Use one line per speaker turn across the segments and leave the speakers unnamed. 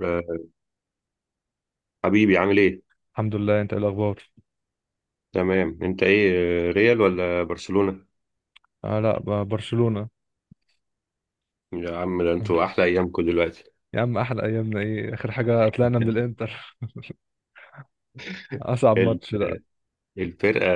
آه، حبيبي عامل ايه؟
الحمد لله. انت ايه الاخبار؟
تمام انت ايه؟ ريال ولا برشلونة؟
آه لا برشلونة.
يا عم ده انتوا احلى ايامكم دلوقتي.
يا عم احلى ايامنا ايه؟ اخر حاجة طلعنا من الانتر. اصعب
ال-
ماتش ده.
الفرقة.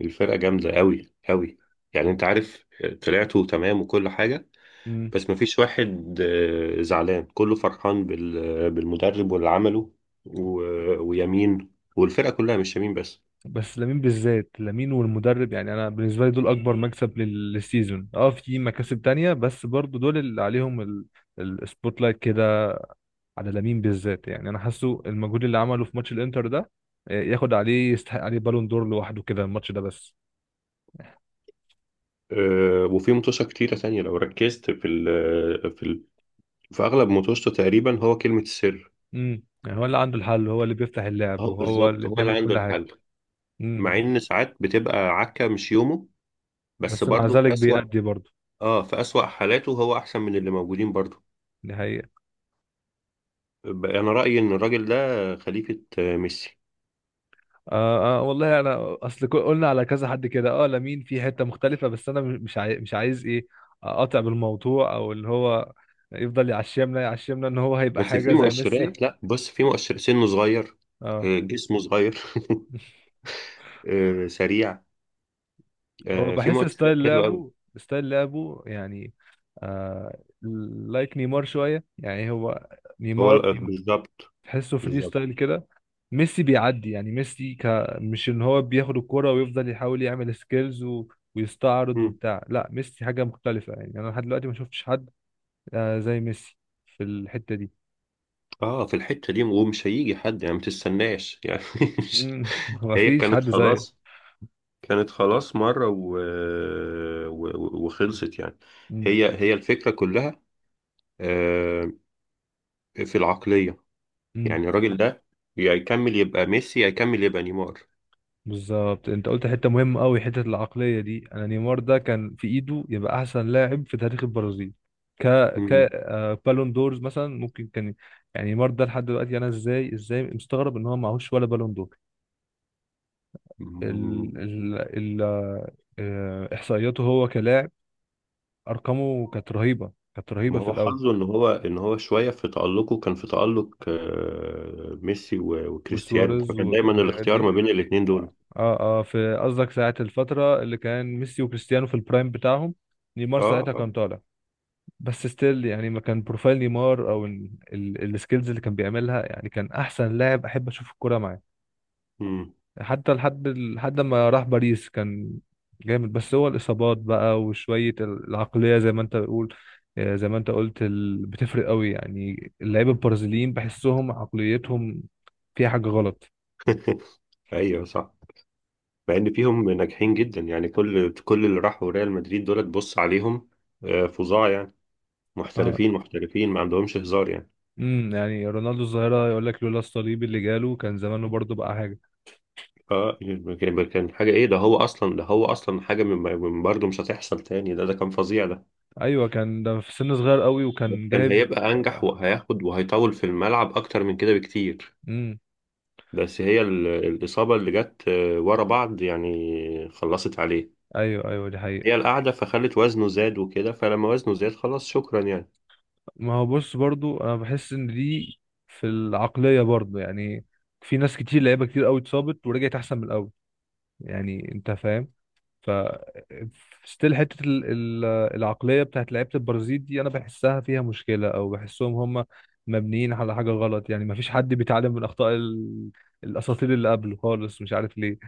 الفرقة جامدة قوي قوي. يعني انت عارف، طلعتوا تمام وكل حاجة.
مم.
بس مفيش واحد زعلان، كله فرحان بالمدرب واللي عمله. ويمين، والفرقة كلها مش يمين بس.
بس لامين بالذات، لامين والمدرب، يعني انا بالنسبة لي دول اكبر مكسب للسيزون. اه، في مكاسب تانية بس برضو دول اللي عليهم السبوت لايت كده، على لامين بالذات. يعني انا حاسه المجهود اللي عمله في ماتش الانتر ده، ياخد عليه، يستحق عليه بالون دور لوحده كده الماتش ده بس.
وفي متوشة كتيرة تانية لو ركزت في ال في أغلب متوشته تقريبا هو كلمة السر.
يعني هو اللي عنده الحل، هو اللي بيفتح اللعب،
هو
وهو
بالظبط
اللي
هو اللي
بيعمل
عنده
كل حاجة.
الحل.
مم.
مع ان ساعات بتبقى عكة مش يومه، بس
بس مع
برضه في
ذلك
اسوأ.
بيأدي برضه.
اه، في اسوأ حالاته هو احسن من اللي موجودين برضه.
دي حقيقة.
انا رأيي ان الراجل ده خليفة ميسي.
آه, آه والله، انا اصل قلنا على كذا حد كده، لمين في حتة مختلفة، بس انا مش عايز ايه، اقاطع بالموضوع، او اللي هو يفضل يعشمنا يعشمنا ان هو هيبقى
بس
حاجة
في
زي ميسي.
مؤشرات، لا بص، في مؤشر: سنه صغير،
اه.
جسمه صغير، سريع.
هو
في
بحس
مؤشرات
ستايل
حلوة قوي.
لعبه، ستايل لعبه يعني، آه لايك نيمار شوية، يعني هو نيمار.
بالظبط.
تحسه فري
بالظبط.
ستايل كده. ميسي بيعدي، يعني ميسي مش ان هو بياخد الكرة ويفضل يحاول يعمل سكيلز ويستعرض
مم.
وبتاع. لا ميسي حاجة مختلفة، يعني انا لحد دلوقتي ما شفتش حد زي ميسي في الحتة دي.
اه، في الحتة دي، ومش هيجي حد يعني، ما تستناش يعني، مش-
مم. ما
هي
فيش
كانت
حد زيه.
خلاص، كانت خلاص مرة وخلصت يعني.
مم.
هي الفكرة كلها، آه، في العقلية.
مم.
يعني الراجل ده يا يكمل يبقى ميسي، يا يكمل يبقى نيمار.
بالظبط انت قلت حتة مهمة قوي، حتة العقلية دي. انا نيمار ده كان في ايده يبقى احسن لاعب في تاريخ البرازيل، ك ك
مم.
آه، بالون دورز مثلا ممكن كان. يعني نيمار ده لحد دلوقتي، انا ازاي مستغرب ان هو معهوش ولا بالون دور. ال
مم.
ال ال آه، احصائياته هو كلاعب، ارقامه كانت رهيبه، كانت رهيبه
ما
في
هو
الاول.
حظه ان هو شوية في تألقه، كان في تألق ميسي وكريستيانو،
وسواريز
فكان دايما
والحاجات
الاختيار ما
دي.
بين الاتنين دول.
اه اه، في قصدك ساعه الفتره اللي كان ميسي وكريستيانو في البرايم بتاعهم، نيمار
اه،
ساعتها
اه.
كان طالع. بس ستيل يعني، ما كان بروفايل نيمار او السكيلز اللي كان بيعملها، يعني كان احسن لاعب احب اشوف الكوره معاه.
مم.
حتى لحد ما راح باريس كان جامد. بس هو الإصابات بقى وشوية العقلية زي ما أنت بتقول، زي ما أنت قلت، بتفرق قوي. يعني اللعيبة البرازيليين بحسهم عقليتهم فيها حاجة غلط.
ايوه صح. مع ان فيهم ناجحين جدا يعني، كل اللي راحوا ريال مدريد دول تبص عليهم، فظاع يعني.
آه.
محترفين، محترفين، ما عندهمش هزار يعني.
يعني رونالدو الظاهرة يقول لك لولا الصليب اللي جاله كان زمانه برضه بقى حاجة.
اه، كان كان حاجه. ايه ده، هو اصلا، ده هو اصلا حاجه من برضه مش هتحصل تاني، ده ده كان فظيع ده.
أيوه، كان ده في سن صغير قوي
ده
وكان
كان
جايب.
هيبقى انجح وهياخد وهيطول في الملعب اكتر من كده بكتير.
امم.
بس هي الاصابه اللي جت ورا بعض يعني خلصت عليه.
أيوه أيوه، دي حقيقة.
هي القعده فخلت وزنه زاد وكده، فلما وزنه زاد خلاص، شكرا يعني.
ما هو بص، برضو انا بحس ان دي في العقلية برضو يعني. في ناس كتير، لعيبة كتير قوي اتصابت ورجعت احسن من الاول. يعني انت فاهم؟ ف ستيل حتة العقلية بتاعت لعيبة البرازيل دي، انا بحسها فيها مشكلة، او بحسهم هم مبنيين على حاجة غلط. يعني ما فيش حد بيتعلم من اخطاء الاساطير اللي قبله خالص، مش عارف ليه.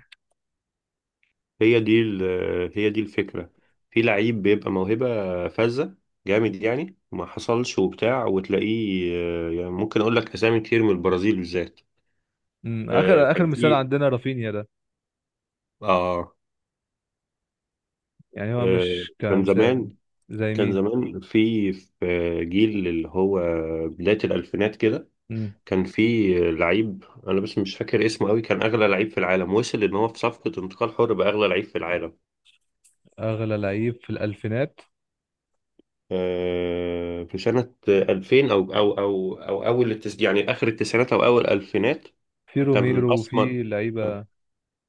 هي دي الفكرة. في لعيب بيبقى موهبة فذة، جامد يعني، ما حصلش وبتاع، وتلاقيه يعني ممكن اقول لك اسامي كتير من البرازيل بالذات.
مم. اخر اخر
كان
مثال
في.
عندنا رافينيا ده،
اه.
يعني هو مش
كان
كمثال،
زمان،
زي
كان
مين.
زمان في في جيل اللي هو بداية الألفينات كده.
مم.
كان في لعيب أنا بس مش فاكر اسمه قوي، كان أغلى لعيب في العالم، وصل إن هو في صفقة انتقال حر بأغلى لعيب في العالم.
اغلى لعيب في الالفينات،
في سنة 2000 أو أول يعني آخر التسعينات أو أول الألفينات.
في
كان
روميرو وفي
أسمر،
لعيبه،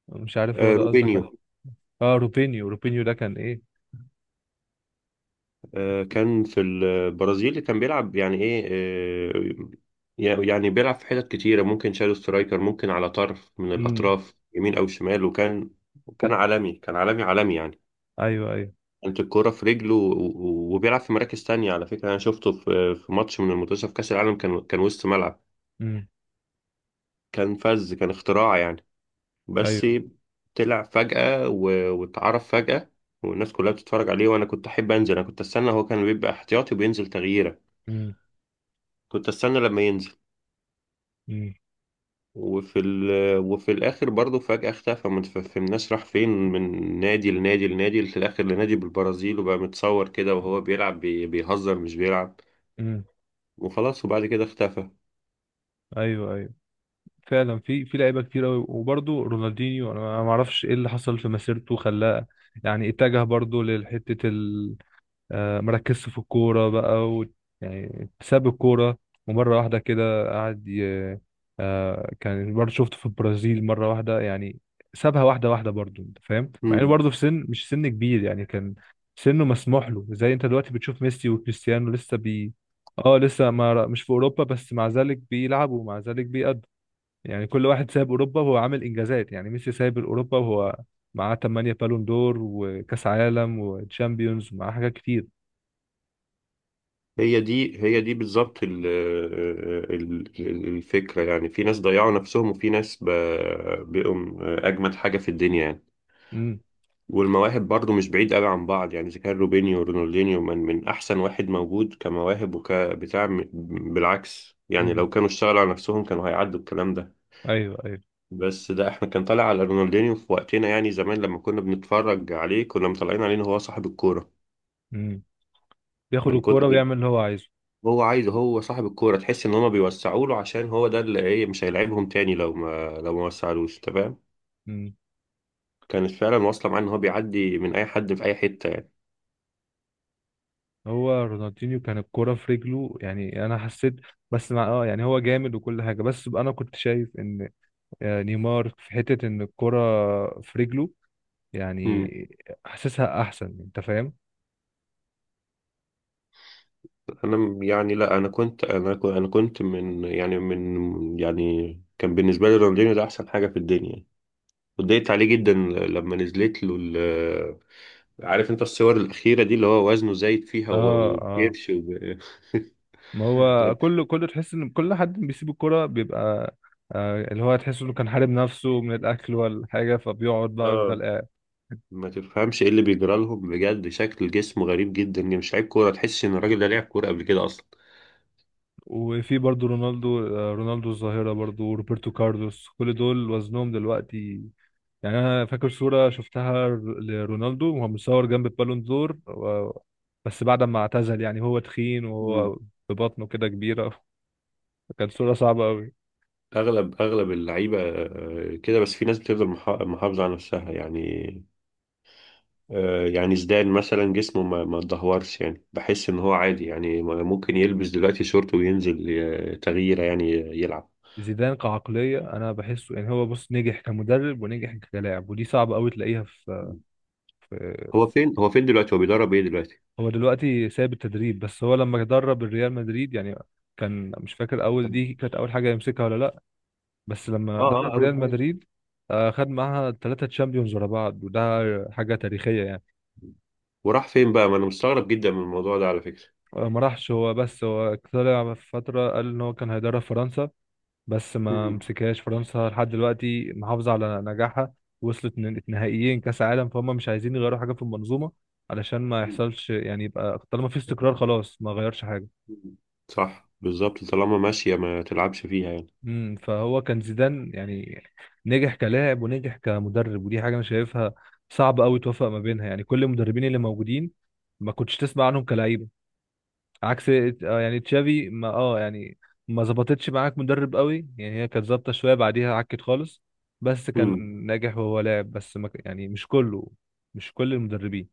مش عارف هو ده قصدك عليه.
روبينيو.
اه، روبينيو. روبينيو ده كان ايه.
كان في البرازيل كان بيلعب يعني إيه. يعني بيلعب في حتت كتيرة، ممكن شادو سترايكر، ممكن على طرف من
امم.
الأطراف، يمين أو شمال، وكان. كان عالمي كان عالمي يعني.
ايوه ايوه.
كانت الكرة في رجله وبيلعب في مراكز تانية، على فكرة أنا شفته في ماتش من المنتخب في كأس العالم، كان وسط ملعب.
امم.
كان فذ، كان اختراع يعني. بس
ايوه.
طلع فجأة واتعرف فجأة، والناس كلها بتتفرج عليه، وانا كنت احب انزل، انا كنت استنى، هو كان بيبقى احتياطي وبينزل تغييره،
امم.
كنت استنى لما ينزل.
امم.
وفي ال... وفي الاخر برضه فجأة اختفى، ما تفهمناش راح فين، من نادي لنادي لنادي، في الاخر لنادي بالبرازيل، وبقى متصور كده وهو بيلعب بيهزر مش بيلعب،
امم.
وخلاص، وبعد كده اختفى.
ايوه ايوه، فعلا في لعيبه كتير قوي. وبرده رونالدينيو انا ما اعرفش ايه اللي حصل في مسيرته خلاه، يعني اتجه برضه لحته، مركزش في الكورة بقى يعني ساب الكورة. ومرة واحدة كده قعد كان برضه شفته في البرازيل مرة واحدة يعني، سابها واحدة واحدة برضه. أنت فاهم؟ مع إنه
مم.
برضه في سن مش سن كبير يعني، كان سنه مسموح له. زي أنت دلوقتي بتشوف ميسي وكريستيانو لسه بي اه لسه، ما مش في أوروبا، بس مع ذلك بيلعبوا ومع ذلك بيأدوا. يعني كل واحد سايب أوروبا وهو عامل إنجازات، يعني ميسي سايب أوروبا وهو معاه 8 بالون دور وكأس عالم وتشامبيونز ومعاه حاجات كتير.
هي دي بالظبط الفكرة. يعني في ناس ضيعوا نفسهم، وفي ناس بقوا أجمد حاجة في الدنيا يعني.
امم.
والمواهب برضو مش بعيد قوي عن بعض يعني، إذا كان روبينيو ورونالدينيو من أحسن واحد موجود كمواهب بالعكس يعني،
امم.
لو كانوا اشتغلوا على نفسهم كانوا هيعدوا الكلام ده.
ايوه ايوه.
بس ده احنا كان طالع على رونالدينيو في وقتنا يعني، زمان لما كنا بنتفرج عليه كنا مطلعين عليه إن هو صاحب الكورة،
امم. بياخد
من
الكوره
كتر
ويعمل اللي هو عايزه.
هو عايز، هو صاحب الكورة، تحس ان هما بيوسعوا له عشان هو ده اللي ايه، مش هيلعبهم تاني لو ما وسعلوش، تمام.
امم.
كانت فعلا واصلة معاه ان هو بيعدي من اي حد في اي حتة يعني.
هو رونالدينيو كان الكوره في رجله، يعني انا حسيت، بس مع يعني، هو جامد وكل حاجه، بس بقى انا كنت شايف ان نيمار في حته ان الكوره في رجله يعني،
مم.
حاسسها احسن. انت فاهم؟
يعني لا، انا كنت من يعني كان بالنسبة لي رونالدينيو ده احسن حاجة في الدنيا يعني. اتضايقت عليه جدا لما نزلت له عارف انت الصور الاخيرة دي اللي هو وزنه زايد فيها،
اه اه.
وبيرش
ما هو كل تحس ان كل حد بيسيب الكوره بيبقى اللي هو، تحس انه كان حارب نفسه من الاكل ولا حاجه، فبيقعد بقى يفضل
اه،
قاعد.
ما تفهمش ايه اللي بيجرى لهم بجد. شكل جسمه غريب جدا يعني، مش لعيب كوره، تحس ان الراجل ده لعب كوره قبل كده اصلا.
وفي برضو رونالدو، رونالدو الظاهرة برضو، وروبرتو كارلوس، كل دول وزنهم دلوقتي يعني. أنا فاكر صورة شفتها لرونالدو وهو متصور جنب البالون دور بس بعد ما اعتزل، يعني هو تخين
مم.
وهو ببطنه كده كبيرة. كانت صورة صعبة أوي.
اغلب اللعيبه كده، بس في ناس بتفضل محافظه على نفسها يعني. يعني زيدان مثلا جسمه ما اتدهورش يعني، بحس ان هو عادي يعني، ممكن يلبس دلوقتي شورت وينزل تغييره يعني، يلعب.
زيدان كعقلية أنا بحسه، يعني هو بص، نجح كمدرب ونجح كلاعب، ودي صعبة أوي تلاقيها في,
مم.
في...
هو فين دلوقتي، هو بيدرب ايه دلوقتي؟
هو دلوقتي سايب التدريب، بس هو لما درب الريال مدريد يعني، كان، مش فاكر أول
اه،
دي كانت أول حاجة يمسكها ولا لأ. بس لما
اه،
درب
اول
ريال
حاجه.
مدريد، خد معاها ثلاثة تشامبيونز ورا بعض، وده حاجة تاريخية يعني.
وراح فين بقى؟ ما انا مستغرب جدا من الموضوع ده على فكره.
ما راحش هو، بس هو طلع في فترة قال إن هو كان هيدرب فرنسا، بس ما مسكهاش. فرنسا لحد دلوقتي محافظة على نجاحها، وصلت نهائيين كأس عالم، فهم مش عايزين يغيروا حاجة في المنظومة علشان ما
مم.
يحصلش. يعني يبقى طالما في استقرار، خلاص ما غيرش حاجة.
مم. صح، بالظبط، طالما ماشية ما تلعبش فيها يعني.
فهو كان زيدان يعني، نجح كلاعب ونجح كمدرب، ودي حاجه انا شايفها صعب قوي توفق ما بينها. يعني كل المدربين اللي موجودين، ما كنتش تسمع عنهم كلاعيبه، عكس. يعني تشافي، ما اه يعني ما ظبطتش معاك مدرب قوي يعني، هي كانت ظابطه شويه بعديها عكت خالص. بس كان
مم.
ناجح وهو لاعب. بس ما ك- يعني مش كله، مش كل المدربين.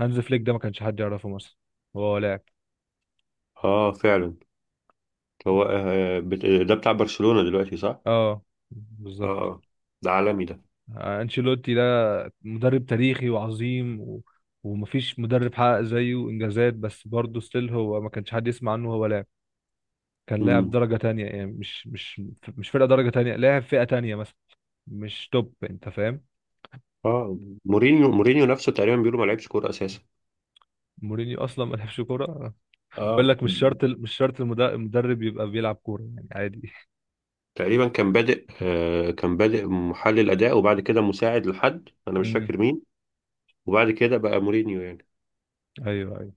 هانز فليك ده، ما كانش حد يعرفه مثلا وهو لاعب.
اه، فعلا. هو، ده بتاع برشلونة دلوقتي صح؟
اه، بالظبط.
اه. ده عالمي ده.
آه، انشيلوتي ده مدرب تاريخي وعظيم، و... ومفيش مدرب حقق زيه انجازات. بس برضه ستيل هو ما كانش حد يسمع عنه هو لاعب، كان لاعب
مم.
درجة تانية يعني، مش فرقة درجة تانية، لاعب فئة تانية مثلا، مش توب. انت فاهم؟
اه. مورينيو نفسه تقريبا بيقولوا ما لعبش كورة اساسا.
مورينيو اصلا ما لعبش كورة. بقول
اه.
لك مش شرط مش شرط المدرب يبقى بيلعب كورة يعني، عادي.
تقريبا كان بادئ، كان بادئ محلل اداء، وبعد كده مساعد، لحد انا مش
امم.
فاكر مين، وبعد كده بقى مورينيو يعني.
ايوه ايوه.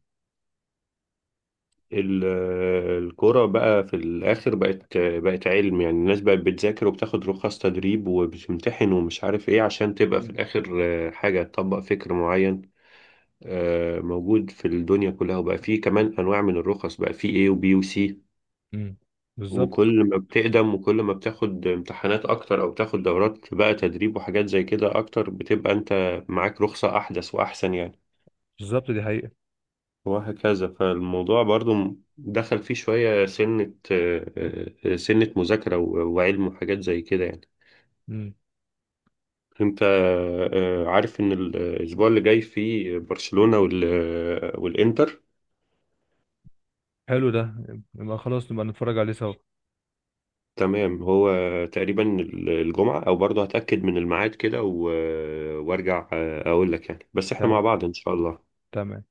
ال- الكرة بقى في الآخر بقت علم يعني، الناس بقت بتذاكر وبتاخد رخص تدريب وبتمتحن ومش عارف إيه، عشان تبقى في الآخر حاجة تطبق فكر معين موجود في الدنيا كلها. وبقى فيه كمان أنواع من الرخص، بقى فيه A وبي وسي،
امم. بالظبط.
وكل ما بتقدم وكل ما بتاخد امتحانات أكتر أو بتاخد دورات بقى تدريب وحاجات زي كده أكتر، بتبقى أنت معاك رخصة أحدث وأحسن يعني.
بالظبط، دي حقيقة.
وهكذا. فالموضوع برضو دخل فيه شوية، سنة آه، آه، سنة مذاكرة وعلم وحاجات زي كده يعني.
امم.
انت عارف ان الاسبوع اللي جاي فيه برشلونة والانتر؟
حلو ده، يبقى خلاص نبقى نتفرج عليه سوا.
تمام، هو تقريبا الجمعة، او برضو هتأكد من الميعاد كده وارجع اقول لك يعني، بس احنا
تمام.
مع بعض ان شاء الله.
تمام.